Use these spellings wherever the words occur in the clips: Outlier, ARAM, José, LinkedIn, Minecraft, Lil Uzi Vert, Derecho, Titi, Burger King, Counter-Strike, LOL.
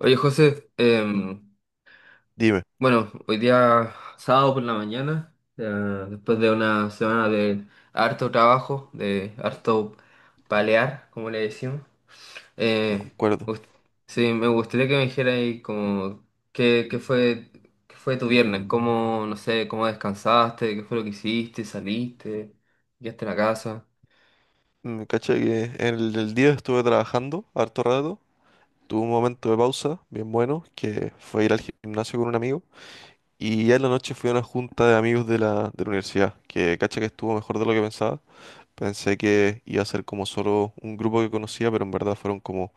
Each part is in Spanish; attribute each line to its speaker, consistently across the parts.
Speaker 1: Oye, José,
Speaker 2: Dime,
Speaker 1: bueno, hoy día sábado por la mañana, después de una semana de harto trabajo, de harto palear, como le decimos, eh,
Speaker 2: concuerdo.
Speaker 1: gust- sí, me gustaría que me dijeras ahí como qué, qué fue, qué fue tu viernes, cómo, no sé, cómo descansaste, qué fue lo que hiciste, saliste, llegaste a la casa.
Speaker 2: Caché que en el día estuve trabajando harto rato. Tuve un momento de pausa bien bueno, que fue ir al gimnasio con un amigo. Y ya en la noche fui a una junta de amigos de la universidad, que caché que estuvo mejor de lo que pensaba. Pensé que iba a ser como solo un grupo que conocía, pero en verdad fueron como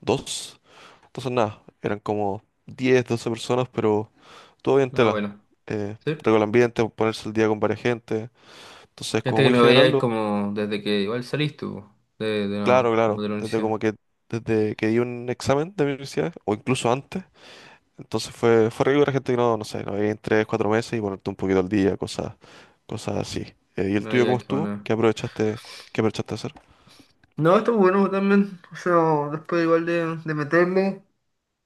Speaker 2: dos. Entonces nada, eran como 10, 12 personas, pero todo bien
Speaker 1: No,
Speaker 2: tela.
Speaker 1: bueno, sí.
Speaker 2: Rico el ambiente, ponerse al día con varias gente. Entonces, como
Speaker 1: Gente que
Speaker 2: muy
Speaker 1: no
Speaker 2: general.
Speaker 1: veíais como desde que igual saliste, po,
Speaker 2: Claro,
Speaker 1: como
Speaker 2: claro,
Speaker 1: de la
Speaker 2: desde
Speaker 1: universidad.
Speaker 2: como que desde que di un examen de mi universidad o incluso antes, entonces fue rico la gente que no no sé, no veía en 3, 4 meses y ponerte un poquito al día, cosas así. ¿Y el
Speaker 1: No,
Speaker 2: tuyo cómo
Speaker 1: ya, qué
Speaker 2: estuvo?
Speaker 1: bueno.
Speaker 2: ¿Qué aprovechaste a hacer?
Speaker 1: No, estuvo bueno también. O sea, después igual de meterme,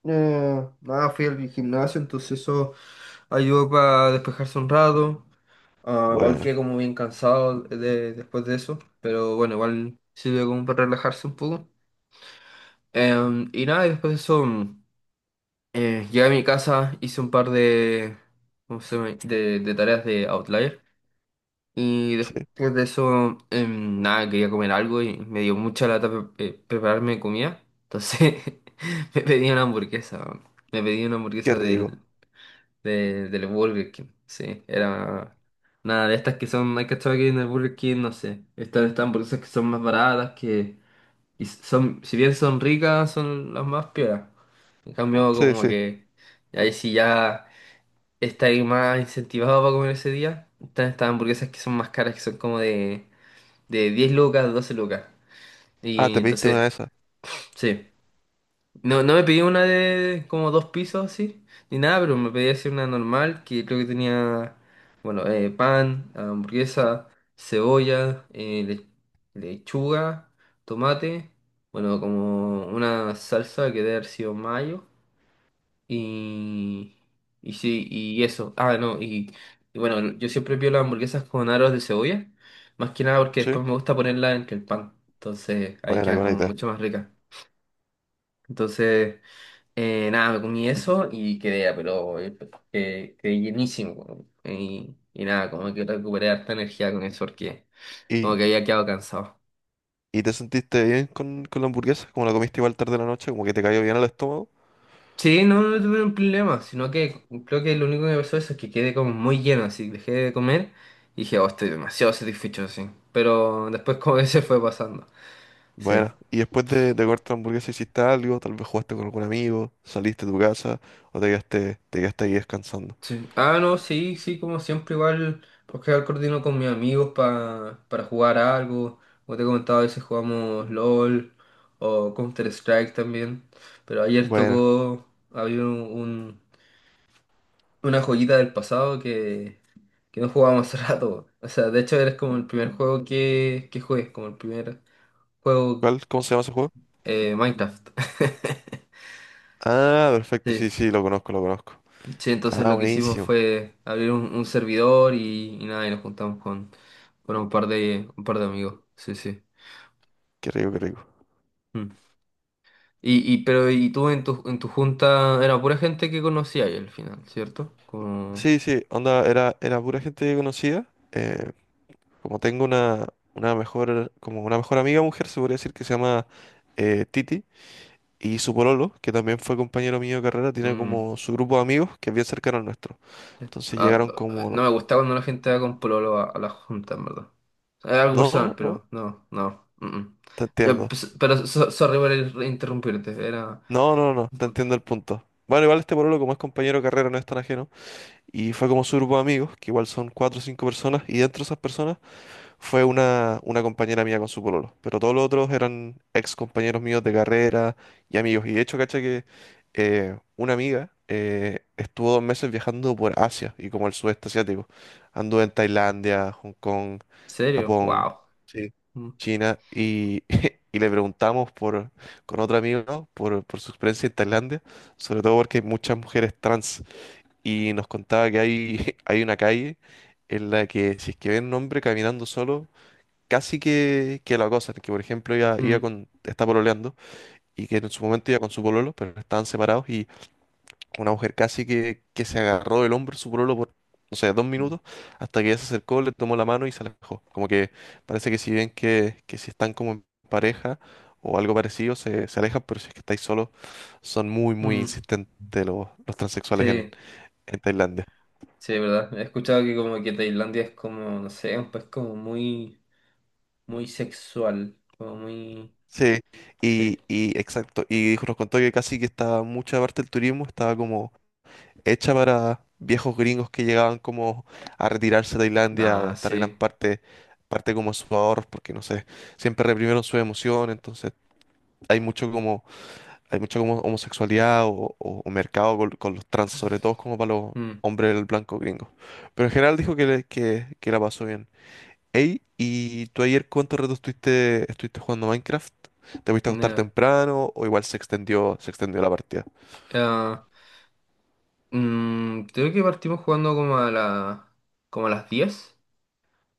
Speaker 1: nada, fui al gimnasio, entonces eso ayudó para despejarse un rato. Ah, igual
Speaker 2: Bueno,
Speaker 1: quedé como bien cansado después de eso, pero bueno, igual sirve como para relajarse un poco. Y nada, y después de eso, llegué a mi casa, hice un par de, ¿cómo se llama?, de tareas de Outlier. Y
Speaker 2: sí,
Speaker 1: después de eso, nada, quería comer algo y me dio mucha lata prepararme comida. Entonces me pedí una hamburguesa, weón. Me pedí una
Speaker 2: qué
Speaker 1: hamburguesa
Speaker 2: rico.
Speaker 1: del Burger King. Sí, era nada de estas que son, hay cachado que en el Burger King, no sé. Estas hamburguesas que son más baratas, que y son, si bien son ricas, son las más pioras. En cambio,
Speaker 2: Sí,
Speaker 1: como
Speaker 2: sí.
Speaker 1: que ahí sí ya estáis más incentivado para comer ese día. Están estas hamburguesas que son más caras, que son como de 10 lucas, 12 lucas.
Speaker 2: Ah,
Speaker 1: Y
Speaker 2: te pediste
Speaker 1: entonces,
Speaker 2: una de esas.
Speaker 1: sí. No, no me pedí una de como dos pisos así, ni nada, pero me pedí así una normal que creo que tenía, bueno, pan, hamburguesa, cebolla, lechuga, tomate, bueno, como una salsa que debe haber sido mayo. Y, y sí, y eso. Ah, no, y bueno, yo siempre pido las hamburguesas con aros de cebolla, más que nada porque
Speaker 2: Sí.
Speaker 1: después me gusta ponerla entre el pan, entonces ahí
Speaker 2: Bueno, qué
Speaker 1: queda
Speaker 2: buena
Speaker 1: como
Speaker 2: idea.
Speaker 1: mucho más rica. Entonces, nada, me comí eso y quedé, pero quedé llenísimo, weón. Y nada, como que recuperé harta energía con eso porque como
Speaker 2: ¿Y,
Speaker 1: que había quedado cansado.
Speaker 2: y te sentiste bien con, la hamburguesa? ¿Como la comiste igual tarde de la noche? ¿Como que te cayó bien al estómago?
Speaker 1: Sí, no, no tuve un problema, sino que creo que lo único que me pasó eso es que quedé como muy lleno, así dejé de comer y dije, oh, estoy demasiado satisfecho, así. Pero después como que se fue pasando. Sí,
Speaker 2: Bueno, y después de cortar hamburguesa hiciste algo, tal vez jugaste con algún amigo, saliste de tu casa o te quedaste ahí descansando.
Speaker 1: sí. Ah, no, sí, sí, como siempre igual, porque al coordino con mis amigos para jugar algo. Como te he comentado, a veces jugamos LOL o Counter-Strike también. Pero ayer
Speaker 2: Bueno,
Speaker 1: tocó, había una joyita del pasado que no jugábamos hace rato. O sea, de hecho eres como el primer juego que jugué, como el primer juego,
Speaker 2: ¿cuál? ¿Cómo se llama ese juego?
Speaker 1: Minecraft.
Speaker 2: Ah, perfecto,
Speaker 1: Sí.
Speaker 2: sí, sí, lo conozco, lo conozco.
Speaker 1: Sí, entonces
Speaker 2: Ah,
Speaker 1: lo que hicimos
Speaker 2: buenísimo,
Speaker 1: fue abrir un servidor y nada, y nos juntamos con un par de amigos. Sí, sí.
Speaker 2: qué rico, qué rico.
Speaker 1: Mm. Pero y tú en tu junta era pura gente que conocía ahí al final, ¿cierto? Como,
Speaker 2: Sí, sí, onda, era pura gente que conocía. eh, Como tengo una mejor, como una mejor amiga mujer, se podría decir que se llama Titi, y su pololo, que también fue compañero mío de carrera, tiene
Speaker 1: mm.
Speaker 2: como su grupo de amigos que es bien cercano al nuestro. Entonces
Speaker 1: Ah,
Speaker 2: llegaron
Speaker 1: no, no me
Speaker 2: como,
Speaker 1: gusta cuando la gente va con pololo a las juntas, en verdad. Es algo personal,
Speaker 2: no, no,
Speaker 1: pero no, no. Mm, mm.
Speaker 2: te
Speaker 1: Ya,
Speaker 2: entiendo.
Speaker 1: pues, pero sorry por interrumpirte, era.
Speaker 2: No, no, no, te
Speaker 1: Puta.
Speaker 2: entiendo el
Speaker 1: ¿En
Speaker 2: punto. Bueno, igual este pololo, como es compañero de carrera, no es tan ajeno. Y fue como su grupo de amigos, que igual son cuatro o cinco personas, y dentro de esas personas fue una compañera mía con su pololo, pero todos los otros eran ex compañeros míos de carrera y amigos. Y de hecho, caché que una amiga estuvo 2 meses viajando por Asia y como el sudeste asiático. Anduvo en Tailandia, Hong Kong,
Speaker 1: serio?
Speaker 2: Japón.
Speaker 1: Wow.
Speaker 2: Sí.
Speaker 1: Mm,
Speaker 2: China y, y le preguntamos con otro amigo ¿no? por su experiencia en Tailandia, sobre todo porque hay muchas mujeres trans y nos contaba que hay, hay una calle en la que si es que ven un hombre caminando solo, casi que, la cosa, que por ejemplo iba
Speaker 1: mm,
Speaker 2: con, está pololeando y que en su momento iba con su pololo, pero estaban separados y una mujer casi que se agarró del hombro de su pololo por, no sé, 2 minutos, hasta que ella se acercó, le tomó la mano y se alejó. Como que parece que si bien que si están como en pareja o algo parecido, se alejan, pero si es que estáis solos, son muy, muy
Speaker 1: mm.
Speaker 2: insistentes los transexuales en,
Speaker 1: Sí,
Speaker 2: en Tailandia.
Speaker 1: sí, verdad. He escuchado que como que Tailandia es como, no sé, un país como muy, muy sexual, como muy.
Speaker 2: Sí,
Speaker 1: Sí.
Speaker 2: y exacto, y nos contó que casi que estaba mucha parte del turismo, estaba como hecha para viejos gringos que llegaban como a retirarse de Tailandia o a
Speaker 1: Ah,
Speaker 2: estar gran
Speaker 1: sí.
Speaker 2: parte como sus ahorros, porque no sé, siempre reprimieron su emoción, entonces hay mucho como, hay mucho como homosexualidad o mercado con los trans, sobre todo como para los
Speaker 1: Mm,
Speaker 2: hombres blancos gringos. Pero en general dijo que la pasó bien. Ey, ¿y tú ayer cuánto rato estuviste jugando Minecraft? ¿Te fuiste a acostar
Speaker 1: nah.
Speaker 2: temprano o igual se extendió la partida?
Speaker 1: Ah, creo que partimos jugando como como a las diez.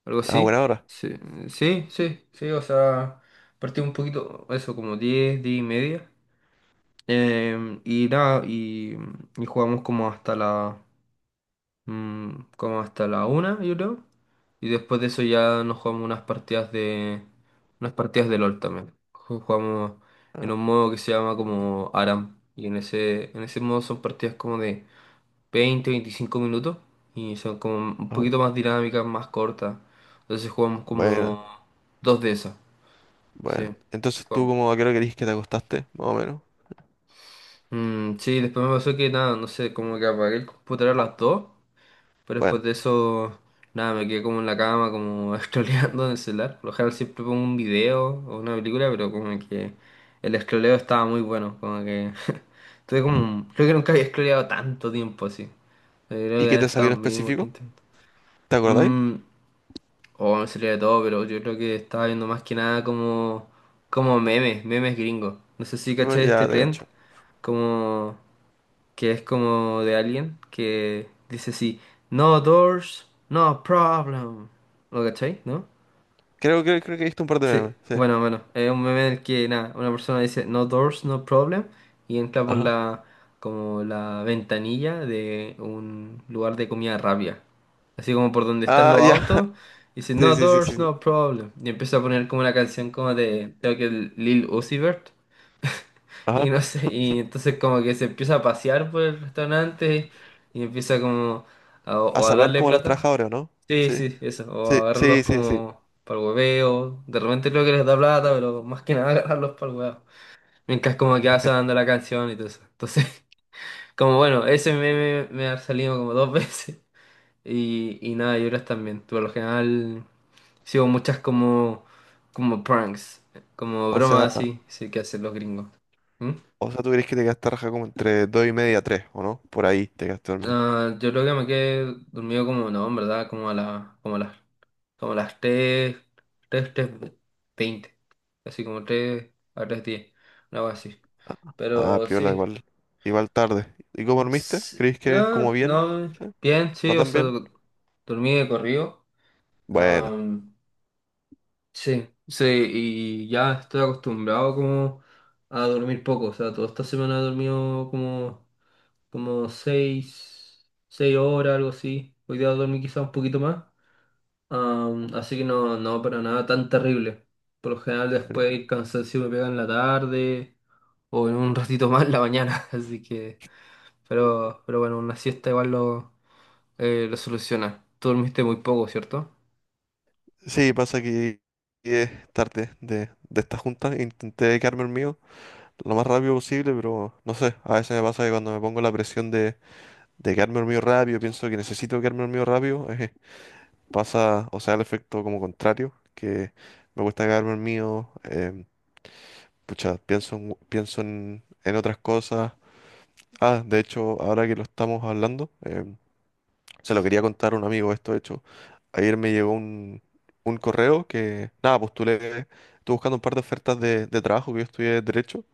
Speaker 1: Algo
Speaker 2: Ah,
Speaker 1: así.
Speaker 2: buena hora.
Speaker 1: Sí, sí, sí, sí, o sea, partí un poquito, eso, como 10 10 y media. Y nada, y jugamos mm, como hasta la una, yo creo. Y después de eso ya nos jugamos unas partidas de LOL también. Jugamos en un modo que se llama como ARAM. Y en ese modo son partidas como de 20, 25 minutos y son como un
Speaker 2: Ah,
Speaker 1: poquito más dinámicas, más cortas. Entonces jugamos
Speaker 2: buena.
Speaker 1: como dos de esas,
Speaker 2: Bueno,
Speaker 1: sí.
Speaker 2: entonces tú
Speaker 1: Jugamos.
Speaker 2: como a qué hora querís que te acostaste, más o menos.
Speaker 1: Mm, sí, después me pasó que nada, no sé, como que apagué el computador a las 2, pero
Speaker 2: Bueno,
Speaker 1: después de eso, nada, me quedé como en la cama, como scrolleando en el celular. Por lo general siempre pongo un video o una película, pero como que el scrolleo estaba muy bueno, como que tuve como, creo que nunca había scrolleado tanto tiempo así. Yo creo
Speaker 2: ¿y
Speaker 1: que
Speaker 2: qué
Speaker 1: han
Speaker 2: te salió
Speaker 1: estado
Speaker 2: en
Speaker 1: mínimo
Speaker 2: específico?
Speaker 1: 30 minutos.
Speaker 2: ¿Te acordáis?
Speaker 1: O me salía de todo, pero yo creo que estaba viendo más que nada como memes, memes gringos. No sé si
Speaker 2: No,
Speaker 1: cachai este
Speaker 2: ya te
Speaker 1: trend,
Speaker 2: cacho.
Speaker 1: como que es como de alguien que dice así, no doors, no problem. ¿Lo cachai? ¿No?
Speaker 2: Creo que viste un par de
Speaker 1: Sí,
Speaker 2: memes, sí.
Speaker 1: bueno, bueno, es un meme en el que nada, una persona dice no doors, no problem y entra por
Speaker 2: Ajá.
Speaker 1: la como la ventanilla de un lugar de comida rápida. Así como por donde están
Speaker 2: Ah,
Speaker 1: los
Speaker 2: ya.
Speaker 1: autos, dice
Speaker 2: Sí,
Speaker 1: no
Speaker 2: sí, sí, sí.
Speaker 1: doors,
Speaker 2: Sí.
Speaker 1: no problem y empieza a poner como una canción como de creo que Lil Uzi Vert
Speaker 2: Ajá.
Speaker 1: y no sé, y entonces como que se empieza a pasear por el restaurante y empieza como
Speaker 2: A
Speaker 1: o a
Speaker 2: salvar
Speaker 1: darle
Speaker 2: como a los
Speaker 1: plata.
Speaker 2: trabajadores, ¿o no?
Speaker 1: Sí,
Speaker 2: Sí.
Speaker 1: sí, eso. O
Speaker 2: Sí,
Speaker 1: agarrarlos
Speaker 2: sí, sí, sí.
Speaker 1: como para el hueveo. De repente creo que les da plata, pero más que nada agarrarlos para el hueveo. Mientras como que va sonando la canción y todo eso. Entonces, como bueno, ese meme me ha salido como dos veces. Y nada, y otras también. Por lo general sigo muchas como pranks. Como
Speaker 2: O sea,
Speaker 1: bromas así, sí, que hacen los gringos. ¿Mm?
Speaker 2: o sea, tú crees que te quedaste raja como entre 2:30, 3, ¿o no? Por ahí te quedaste dormido.
Speaker 1: Ah, yo creo que me quedé dormido como, no, en verdad, como a las tres, tres 3:20. Así como 3 a 3:10. Algo así.
Speaker 2: Ah,
Speaker 1: Pero
Speaker 2: piola,
Speaker 1: sí.
Speaker 2: igual. Igual tarde. ¿Y cómo dormiste?
Speaker 1: s-
Speaker 2: ¿Crees que como
Speaker 1: ah,
Speaker 2: bien?
Speaker 1: no,
Speaker 2: ¿Sí?
Speaker 1: bien, sí,
Speaker 2: ¿No
Speaker 1: o
Speaker 2: tan
Speaker 1: sea,
Speaker 2: bien?
Speaker 1: dormí de corrido.
Speaker 2: Bueno.
Speaker 1: Am, sí, sí, y ya estoy acostumbrado como a dormir poco. O sea, toda esta semana he dormido como seis horas, algo así. Hoy día dormí quizá un poquito más. Así que no, no, para nada tan terrible. Por lo general después el cansancio me pega en la tarde o en un ratito más en la mañana. Así que, pero bueno, una siesta igual lo soluciona. Tú dormiste muy poco, ¿cierto?
Speaker 2: Sí, pasa que es tarde de esta junta. Intenté quedarme el mío lo más rápido posible, pero no sé. A veces me pasa que cuando me pongo la presión de quedarme el mío rápido, pienso que necesito quedarme el mío rápido, pasa, o sea, el efecto como contrario, que me cuesta quedarme el mío. Pucha, pienso, pienso en otras cosas. Ah, de hecho, ahora que lo estamos hablando. Se lo quería contar a un amigo esto, de hecho. Ayer me llegó un correo que, nada, postulé, estuve buscando un par de ofertas de trabajo que yo estudié Derecho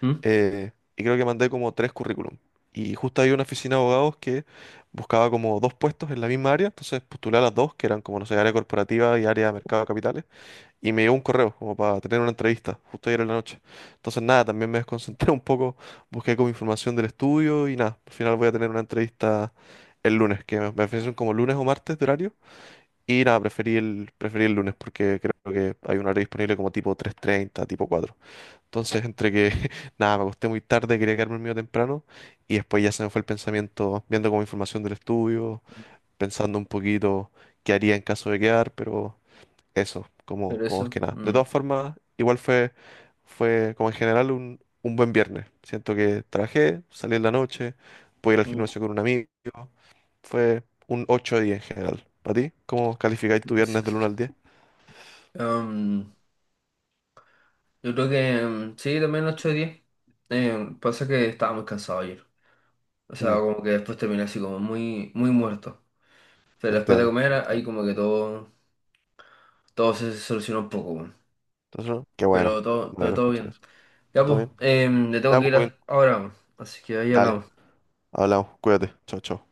Speaker 1: ¿Mm?
Speaker 2: y creo que mandé como tres currículum. Y justo había una oficina de abogados que buscaba como dos puestos en la misma área, entonces postulé a las dos, que eran como, no sé, área corporativa y área de mercado de capitales. Y me llegó un correo como para tener una entrevista, justo ayer en la noche. Entonces nada, también me desconcentré un poco, busqué como información del estudio y nada, al final voy a tener una entrevista el lunes, que me ofrecen como lunes o martes de horario. Y nada, preferí el lunes porque creo que hay un horario disponible como tipo 3:30 tipo 4. Entonces entre que nada, me acosté muy tarde, quería quedarme medio temprano y después ya se me fue el pensamiento viendo como información del estudio, pensando un poquito qué haría en caso de quedar, pero. Eso, como,
Speaker 1: Pero
Speaker 2: como más que
Speaker 1: eso.
Speaker 2: nada. De
Speaker 1: Mm,
Speaker 2: todas formas, igual fue como en general un buen viernes. Siento que trabajé, salí en la noche, pude ir al
Speaker 1: mm.
Speaker 2: gimnasio con un amigo. Fue un 8 de 10 en general. ¿Para ti? ¿Cómo calificáis tu viernes del 1 al 10?
Speaker 1: Am, Yo creo que sí, también 8 de diez. Pasa que estaba muy cansado ayer. O sea,
Speaker 2: Mm,
Speaker 1: como que después terminé así como muy, muy muerto.
Speaker 2: te
Speaker 1: Pero después de
Speaker 2: entiendo,
Speaker 1: comer,
Speaker 2: te
Speaker 1: ahí
Speaker 2: entiendo.
Speaker 1: como que todo se solucionó un poco, weón.
Speaker 2: Entonces, ¿no? Qué bueno,
Speaker 1: Pero todo,
Speaker 2: me
Speaker 1: pero
Speaker 2: alegro
Speaker 1: todo
Speaker 2: escuchar
Speaker 1: bien.
Speaker 2: eso.
Speaker 1: Ya
Speaker 2: ¿Todo
Speaker 1: pues,
Speaker 2: bien?
Speaker 1: le tengo
Speaker 2: Ya,
Speaker 1: que
Speaker 2: pues,
Speaker 1: ir
Speaker 2: Joaquín,
Speaker 1: ahora, weón. Así que ahí
Speaker 2: dale,
Speaker 1: hablamos.
Speaker 2: hablamos, cuídate, chao, chao.